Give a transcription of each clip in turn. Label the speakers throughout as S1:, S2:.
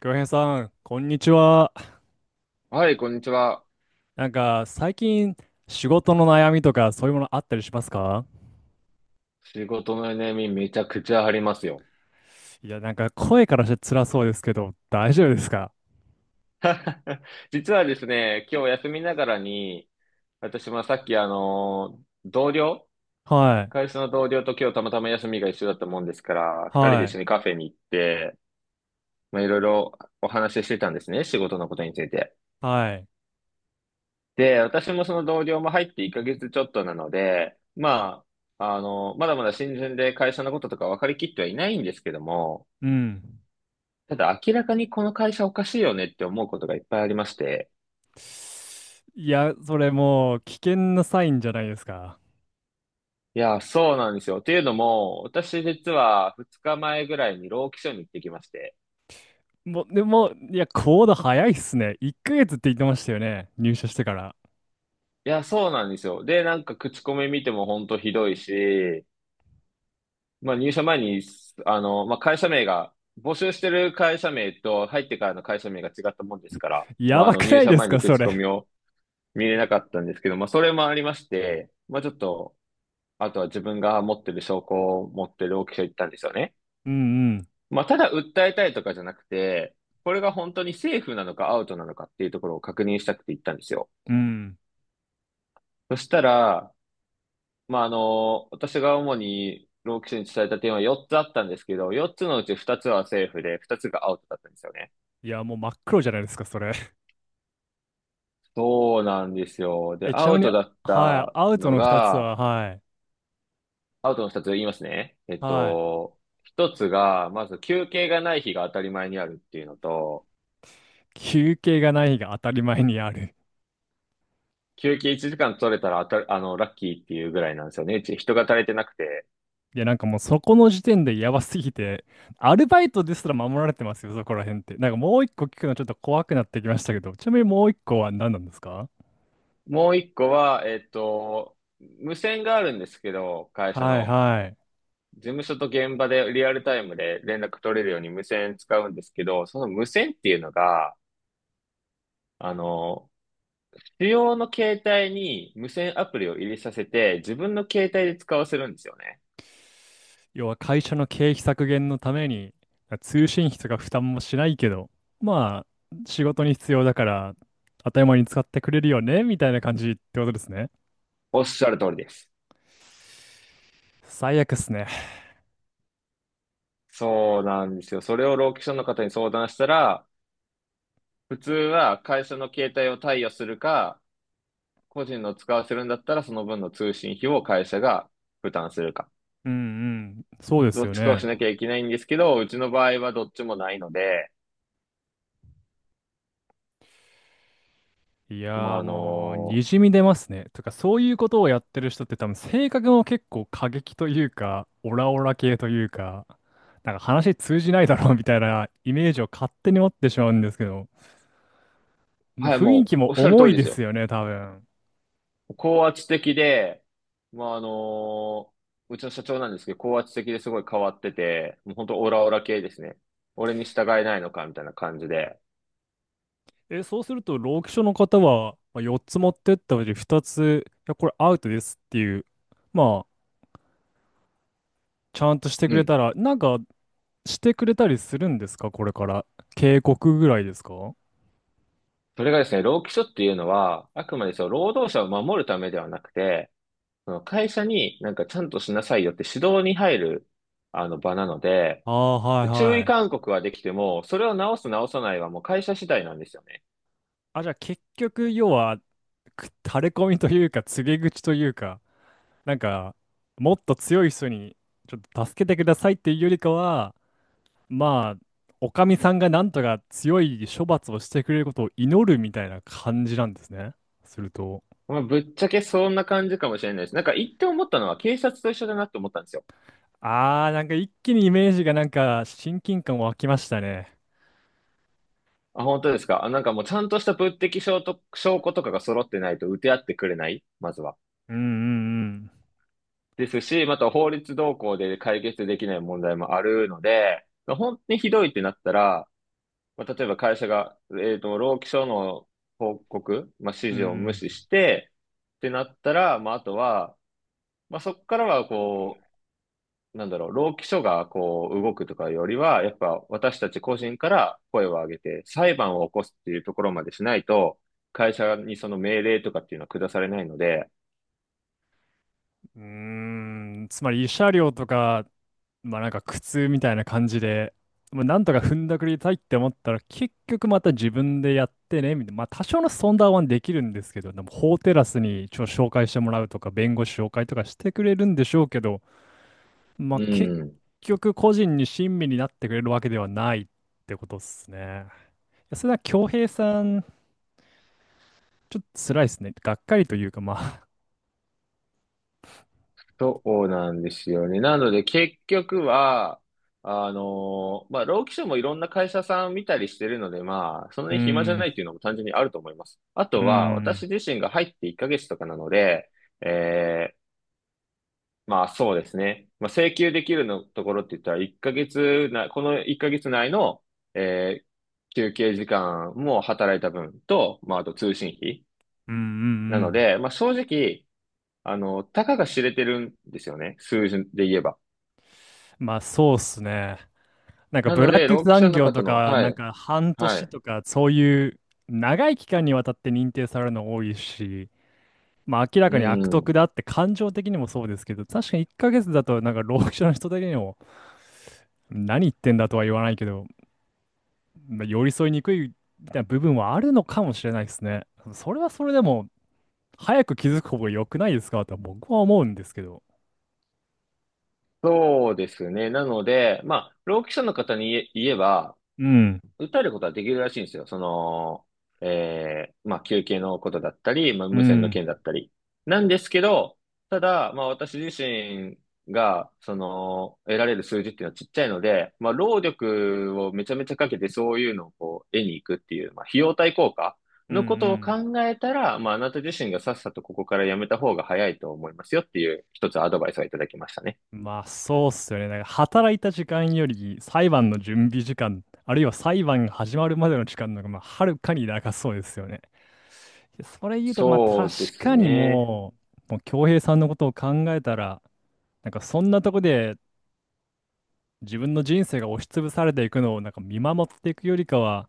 S1: 京平さん、こんにちは。
S2: はい、こんにちは。
S1: なんか、最近、仕事の悩みとか、そういうものあったりしますか？
S2: 仕事の悩みめちゃくちゃありますよ。
S1: いや、なんか、声からして辛そうですけど、大丈夫ですか？
S2: 実はですね、今日休みながらに、私もさっき同僚、
S1: はい、
S2: 会社の同僚と今日たまたま休みが一緒だったもんですから、二人で
S1: は
S2: 一
S1: い、
S2: 緒にカフェに行って、いろいろお話ししてたんですね、仕事のことについて。
S1: はい、
S2: で、私もその同僚も入って1ヶ月ちょっとなので、まだまだ新人で会社のこととか分かりきってはいないんですけども、
S1: うん。
S2: ただ明らかにこの会社おかしいよねって思うことがいっぱいありまして。
S1: いや、それもう、危険なサインじゃないですか。
S2: いや、そうなんですよ。っていうのも、私実は2日前ぐらいに労基署に行ってきまして。
S1: もう、でも、いや、行動早いっすね。1ヶ月って言ってましたよね。入社してから。
S2: いや、そうなんですよ。で、なんか口コミ見ても本当ひどいし、まあ入社前に、まあ会社名が、募集してる会社名と入ってからの会社名が違ったもんですから、ま
S1: や
S2: ああ
S1: ば
S2: の
S1: く
S2: 入
S1: ない
S2: 社
S1: です
S2: 前に
S1: か、そ
S2: 口コ
S1: れ。
S2: ミを見れなかったんですけど、まあそれもありまして、まあちょっと、あとは自分が持ってる証拠を持ってる労基署行ったんですよね。
S1: うんうん、
S2: ただ訴えたいとかじゃなくて、これが本当にセーフなのかアウトなのかっていうところを確認したくて行ったんですよ。
S1: うん。
S2: そしたら、私が主に労基署に伝えた点は4つあったんですけど、4つのうち2つはセーフで、2つがアウトだったんですよね。
S1: いや、もう真っ黒じゃないですか、それ。
S2: そうなんですよ。で、
S1: え、ち
S2: ア
S1: なみ
S2: ウ
S1: に、
S2: トだっ
S1: はい、
S2: た
S1: アウト
S2: の
S1: の2つ
S2: が、
S1: は、はい。
S2: アウトの2つ言いますね。
S1: はい。
S2: 1つが、まず休憩がない日が当たり前にあるっていうのと、
S1: 休憩がない日が当たり前にある。
S2: 休憩1時間取れたらあた、あの、ラッキーっていうぐらいなんですよね。うち人が足りてなくて。
S1: いや、なんかもうそこの時点でやばすぎて、アルバイトですら守られてますよ、そこら辺って。なんかもう一個聞くのちょっと怖くなってきましたけど、ちなみにもう一個は何なんですか？
S2: もう一個は、無線があるんですけど、会社
S1: はい
S2: の。
S1: はい。
S2: 事務所と現場でリアルタイムで連絡取れるように無線使うんですけど、その無線っていうのが、あの、主要の携帯に無線アプリを入れさせて、自分の携帯で使わせるんですよね。
S1: 要は会社の経費削減のために、通信費とか負担もしないけど、まあ、仕事に必要だから、当たり前に使ってくれるよね、みたいな感じってことですね。
S2: おっしゃる通りです。
S1: 最悪っすね。
S2: そうなんですよ。それをローキションの方に相談したら、普通は会社の携帯を貸与するか、個人の使わせるんだったら、その分の通信費を会社が負担するか。
S1: うんうん。そうで
S2: ど
S1: す
S2: っ
S1: よ
S2: ちかを
S1: ね。
S2: しなきゃいけないんですけど、うちの場合はどっちもないので、
S1: い
S2: まあ、
S1: やー
S2: あ
S1: もう、に
S2: の
S1: じみ出ますね。とか、そういうことをやってる人って多分、性格も結構過激というか、オラオラ系というか、なんか話通じないだろうみたいなイメージを勝手に持ってしまうんですけど、もう
S2: はい、
S1: 雰囲
S2: も
S1: 気
S2: う、
S1: も
S2: おっしゃる通
S1: 重
S2: り
S1: い
S2: で
S1: で
S2: す
S1: す
S2: よ。
S1: よね、多分。
S2: 高圧的で、まあ、あのーうちの社長なんですけど、高圧的ですごい変わってて、もう本当オラオラ系ですね。俺に従えないのかみたいな感じで。
S1: え、そうすると、労基署の方は、まあ、4つ持ってったうち2つ、いや、これアウトですっていう、まあ、ちゃんとしてく
S2: う
S1: れた
S2: ん。
S1: ら、なんか、してくれたりするんですか、これから。警告ぐらいですか？
S2: それがですね、労基署っていうのは、あくまでその労働者を守るためではなくて、その会社になんかちゃんとしなさいよって指導に入る場なので、
S1: ああー、はい
S2: 注
S1: は
S2: 意
S1: い。
S2: 勧告はできても、それを直す直さないはもう会社次第なんですよね。
S1: あ、じゃあ結局、要は、垂れ込みというか、告げ口というか、なんか、もっと強い人に、ちょっと助けてくださいっていうよりかは、まあ、おかみさんがなんとか強い処罰をしてくれることを祈るみたいな感じなんですね。すると。
S2: まあ、ぶっちゃけそんな感じかもしれないです。なんか言って思ったのは警察と一緒だなって思ったんですよ。
S1: あー、なんか一気にイメージがなんか、親近感湧きましたね。
S2: あ、本当ですか。あ、なんかもうちゃんとした物的証と、証拠とかが揃ってないと打て合ってくれない、まずは。
S1: うんうん
S2: ですし、また法律動向で解決できない問題もあるので、本当にひどいってなったら、まあ、例えば会社が、労基署の報告、まあ、
S1: う
S2: 指示を無
S1: ん。
S2: 視して、ってなったら、まあ、あとは、まあ、そこからは、労基署が、こう、動くとかよりは、やっぱ、私たち個人から声を上げて、裁判を起こすっていうところまでしないと、会社にその命令とかっていうのは下されないので、
S1: うん。うーん、つまり慰謝料とか、まあなんか苦痛みたいな感じで、まあ、なんとか踏んだくりたいって思ったら結局また自分でやってねみたいな、まあ多少のソンダーはできるんですけど、でも法テラスに紹介してもらうとか弁護士紹介とかしてくれるんでしょうけど、まあ
S2: う
S1: 結
S2: ん。
S1: 局個人に親身になってくれるわけではないってことっすね。いやそれは恭平さん、ちょっと辛いですね。がっかりというかまあ、
S2: そうなんですよね。なので結局は、労基署もいろんな会社さん見たりしてるので、まあ、そんな
S1: う
S2: に暇じゃ
S1: ん、
S2: な
S1: う
S2: いっていうのも単純にあると思います。あと
S1: ん、
S2: は、私自身が入って1ヶ月とかなので、えーまあそうですね。まあ、請求できるのところって言ったら、1ヶ月な、この1ヶ月内の、えー休憩時間も働いた分と、まあ、あと通信費。
S1: うん、うん、
S2: な
S1: う
S2: の
S1: ん。
S2: で、まあ正直、たかが知れてるんですよね。数字で言えば。
S1: まあそうっすね。なんか
S2: な
S1: ブ
S2: の
S1: ラッ
S2: で、
S1: ク
S2: 労基者
S1: 残
S2: の
S1: 業
S2: 方
S1: と
S2: の、
S1: か、
S2: は
S1: なん
S2: い、
S1: か半
S2: は
S1: 年
S2: い、
S1: とか、そういう長い期間にわたって認定されるの多いし、まあ明ら
S2: う
S1: かに悪徳
S2: ん、
S1: だって感情的にもそうですけど、確かに1ヶ月だとなんか労働者の人的にも何言ってんだとは言わないけど、まあ、寄り添いにくいみたいな部分はあるのかもしれないですね。それはそれでも早く気づく方が良くないですかとは僕は思うんですけど。
S2: そうですね。なので、まあ、労基者の方に言えば、
S1: うん、
S2: 訴えることはできるらしいんですよ。まあ、求刑のことだったり、まあ、
S1: う
S2: 無線の
S1: ん、
S2: 件だったり。なんですけど、ただ、まあ、私自身が、その、得られる数字っていうのはちっちゃいので、まあ、労力をめちゃめちゃかけてそういうのをこう、得に行くっていう、まあ、費用対効果
S1: うん、う
S2: のことを
S1: ん。
S2: 考えたら、まあ、あなた自身がさっさとここからやめた方が早いと思いますよっていう、一つアドバイスをいただきましたね。
S1: まあそうっすよね。なんか働いた時間より裁判の準備時間、あるいは裁判が始まるまでの時間の方がまあはるかに長そうですよね。でそれ言うと、まあ
S2: そ
S1: 確
S2: うです
S1: かに
S2: ね。
S1: もう恭平さんのことを考えたら、なんかそんなとこで自分の人生が押しつぶされていくのをなんか見守っていくよりかは、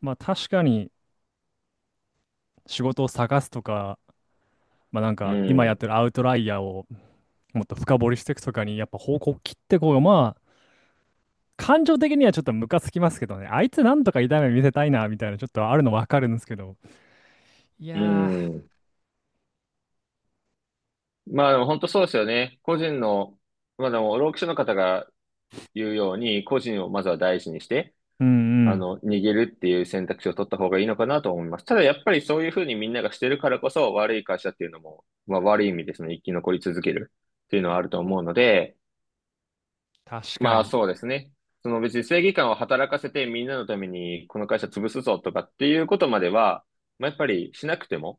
S1: まあ確かに仕事を探すとか、まあなん
S2: う
S1: か今やっ
S2: ん。
S1: てるアウトライヤーをもっと深掘りしていくとかにやっぱ方向を切ってこうがまあ感情的にはちょっとムカつきますけどね。あいつなんとか痛み見せたいな、みたいな、ちょっとあるのわかるんですけど。い
S2: う
S1: や
S2: ん。まあでも本当そうですよね。個人の、まあでも、労基署の方が言うように、個人をまずは大事にして、
S1: ー、うんうん。
S2: 逃げるっていう選択肢を取った方がいいのかなと思います。ただやっぱりそういうふうにみんながしてるからこそ、悪い会社っていうのも、まあ悪い意味でその生き残り続けるっていうのはあると思うので、
S1: 確か
S2: まあ
S1: に。
S2: そうですね。その別に正義感を働かせてみんなのためにこの会社潰すぞとかっていうことまでは、まあやっぱりしなくても、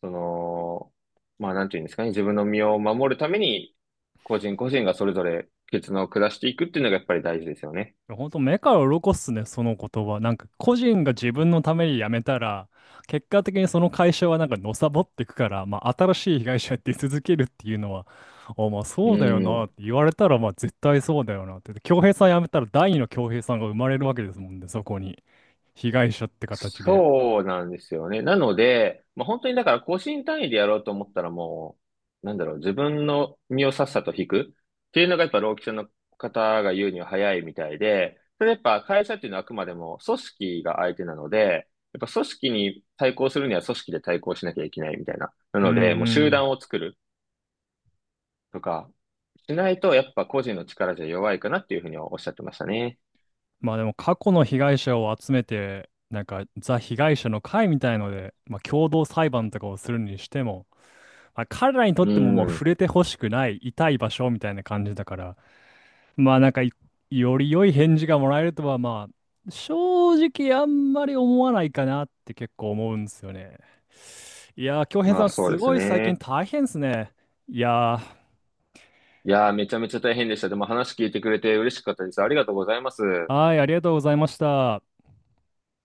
S2: その、まあなんていうんですかね、自分の身を守るために、個人個人がそれぞれ決断を下していくっていうのがやっぱり大事ですよね。
S1: 本当目から鱗っすね、その言葉。なんか、個人が自分のために辞めたら、結果的にその会社はなんかのさぼっていくから、まあ、新しい被害者やって続けるっていうのは、あ、まあ、
S2: う
S1: そうだよなっ
S2: ん。
S1: て言われたら、まあ、絶対そうだよなって。恭平さん辞めたら、第二の恭平さんが生まれるわけですもんね、そこに。被害者って形で。
S2: そうなんですよね。なので、まあ本当にだから個人単位でやろうと思ったらもう、なんだろう、自分の身をさっさと引くっていうのがやっぱ労基署の方が言うには早いみたいで、それやっぱ会社っていうのはあくまでも組織が相手なので、やっぱ組織に対抗するには組織で対抗しなきゃいけないみたいな。な
S1: うんう
S2: ので、もう集
S1: ん。
S2: 団を作る。とか、しないとやっぱ個人の力じゃ弱いかなっていうふうにはおっしゃってましたね。
S1: まあでも過去の被害者を集めて、なんかザ被害者の会みたいので、まあ、共同裁判とかをするにしても、まあ、彼らにとっ
S2: う
S1: てももう触
S2: ん。
S1: れてほしくない痛い場所みたいな感じだから、まあなんかいより良い返事がもらえるとはまあ正直あんまり思わないかなって結構思うんですよね。いやー、京平
S2: ま
S1: さ
S2: あ
S1: ん
S2: そう
S1: す
S2: です
S1: ごい最近
S2: ね。
S1: 大変ですね。いや
S2: いやー、めちゃめちゃ大変でした。でも話聞いてくれて嬉しかったです。ありがとうございます。
S1: ー、はい、ありがとうございました。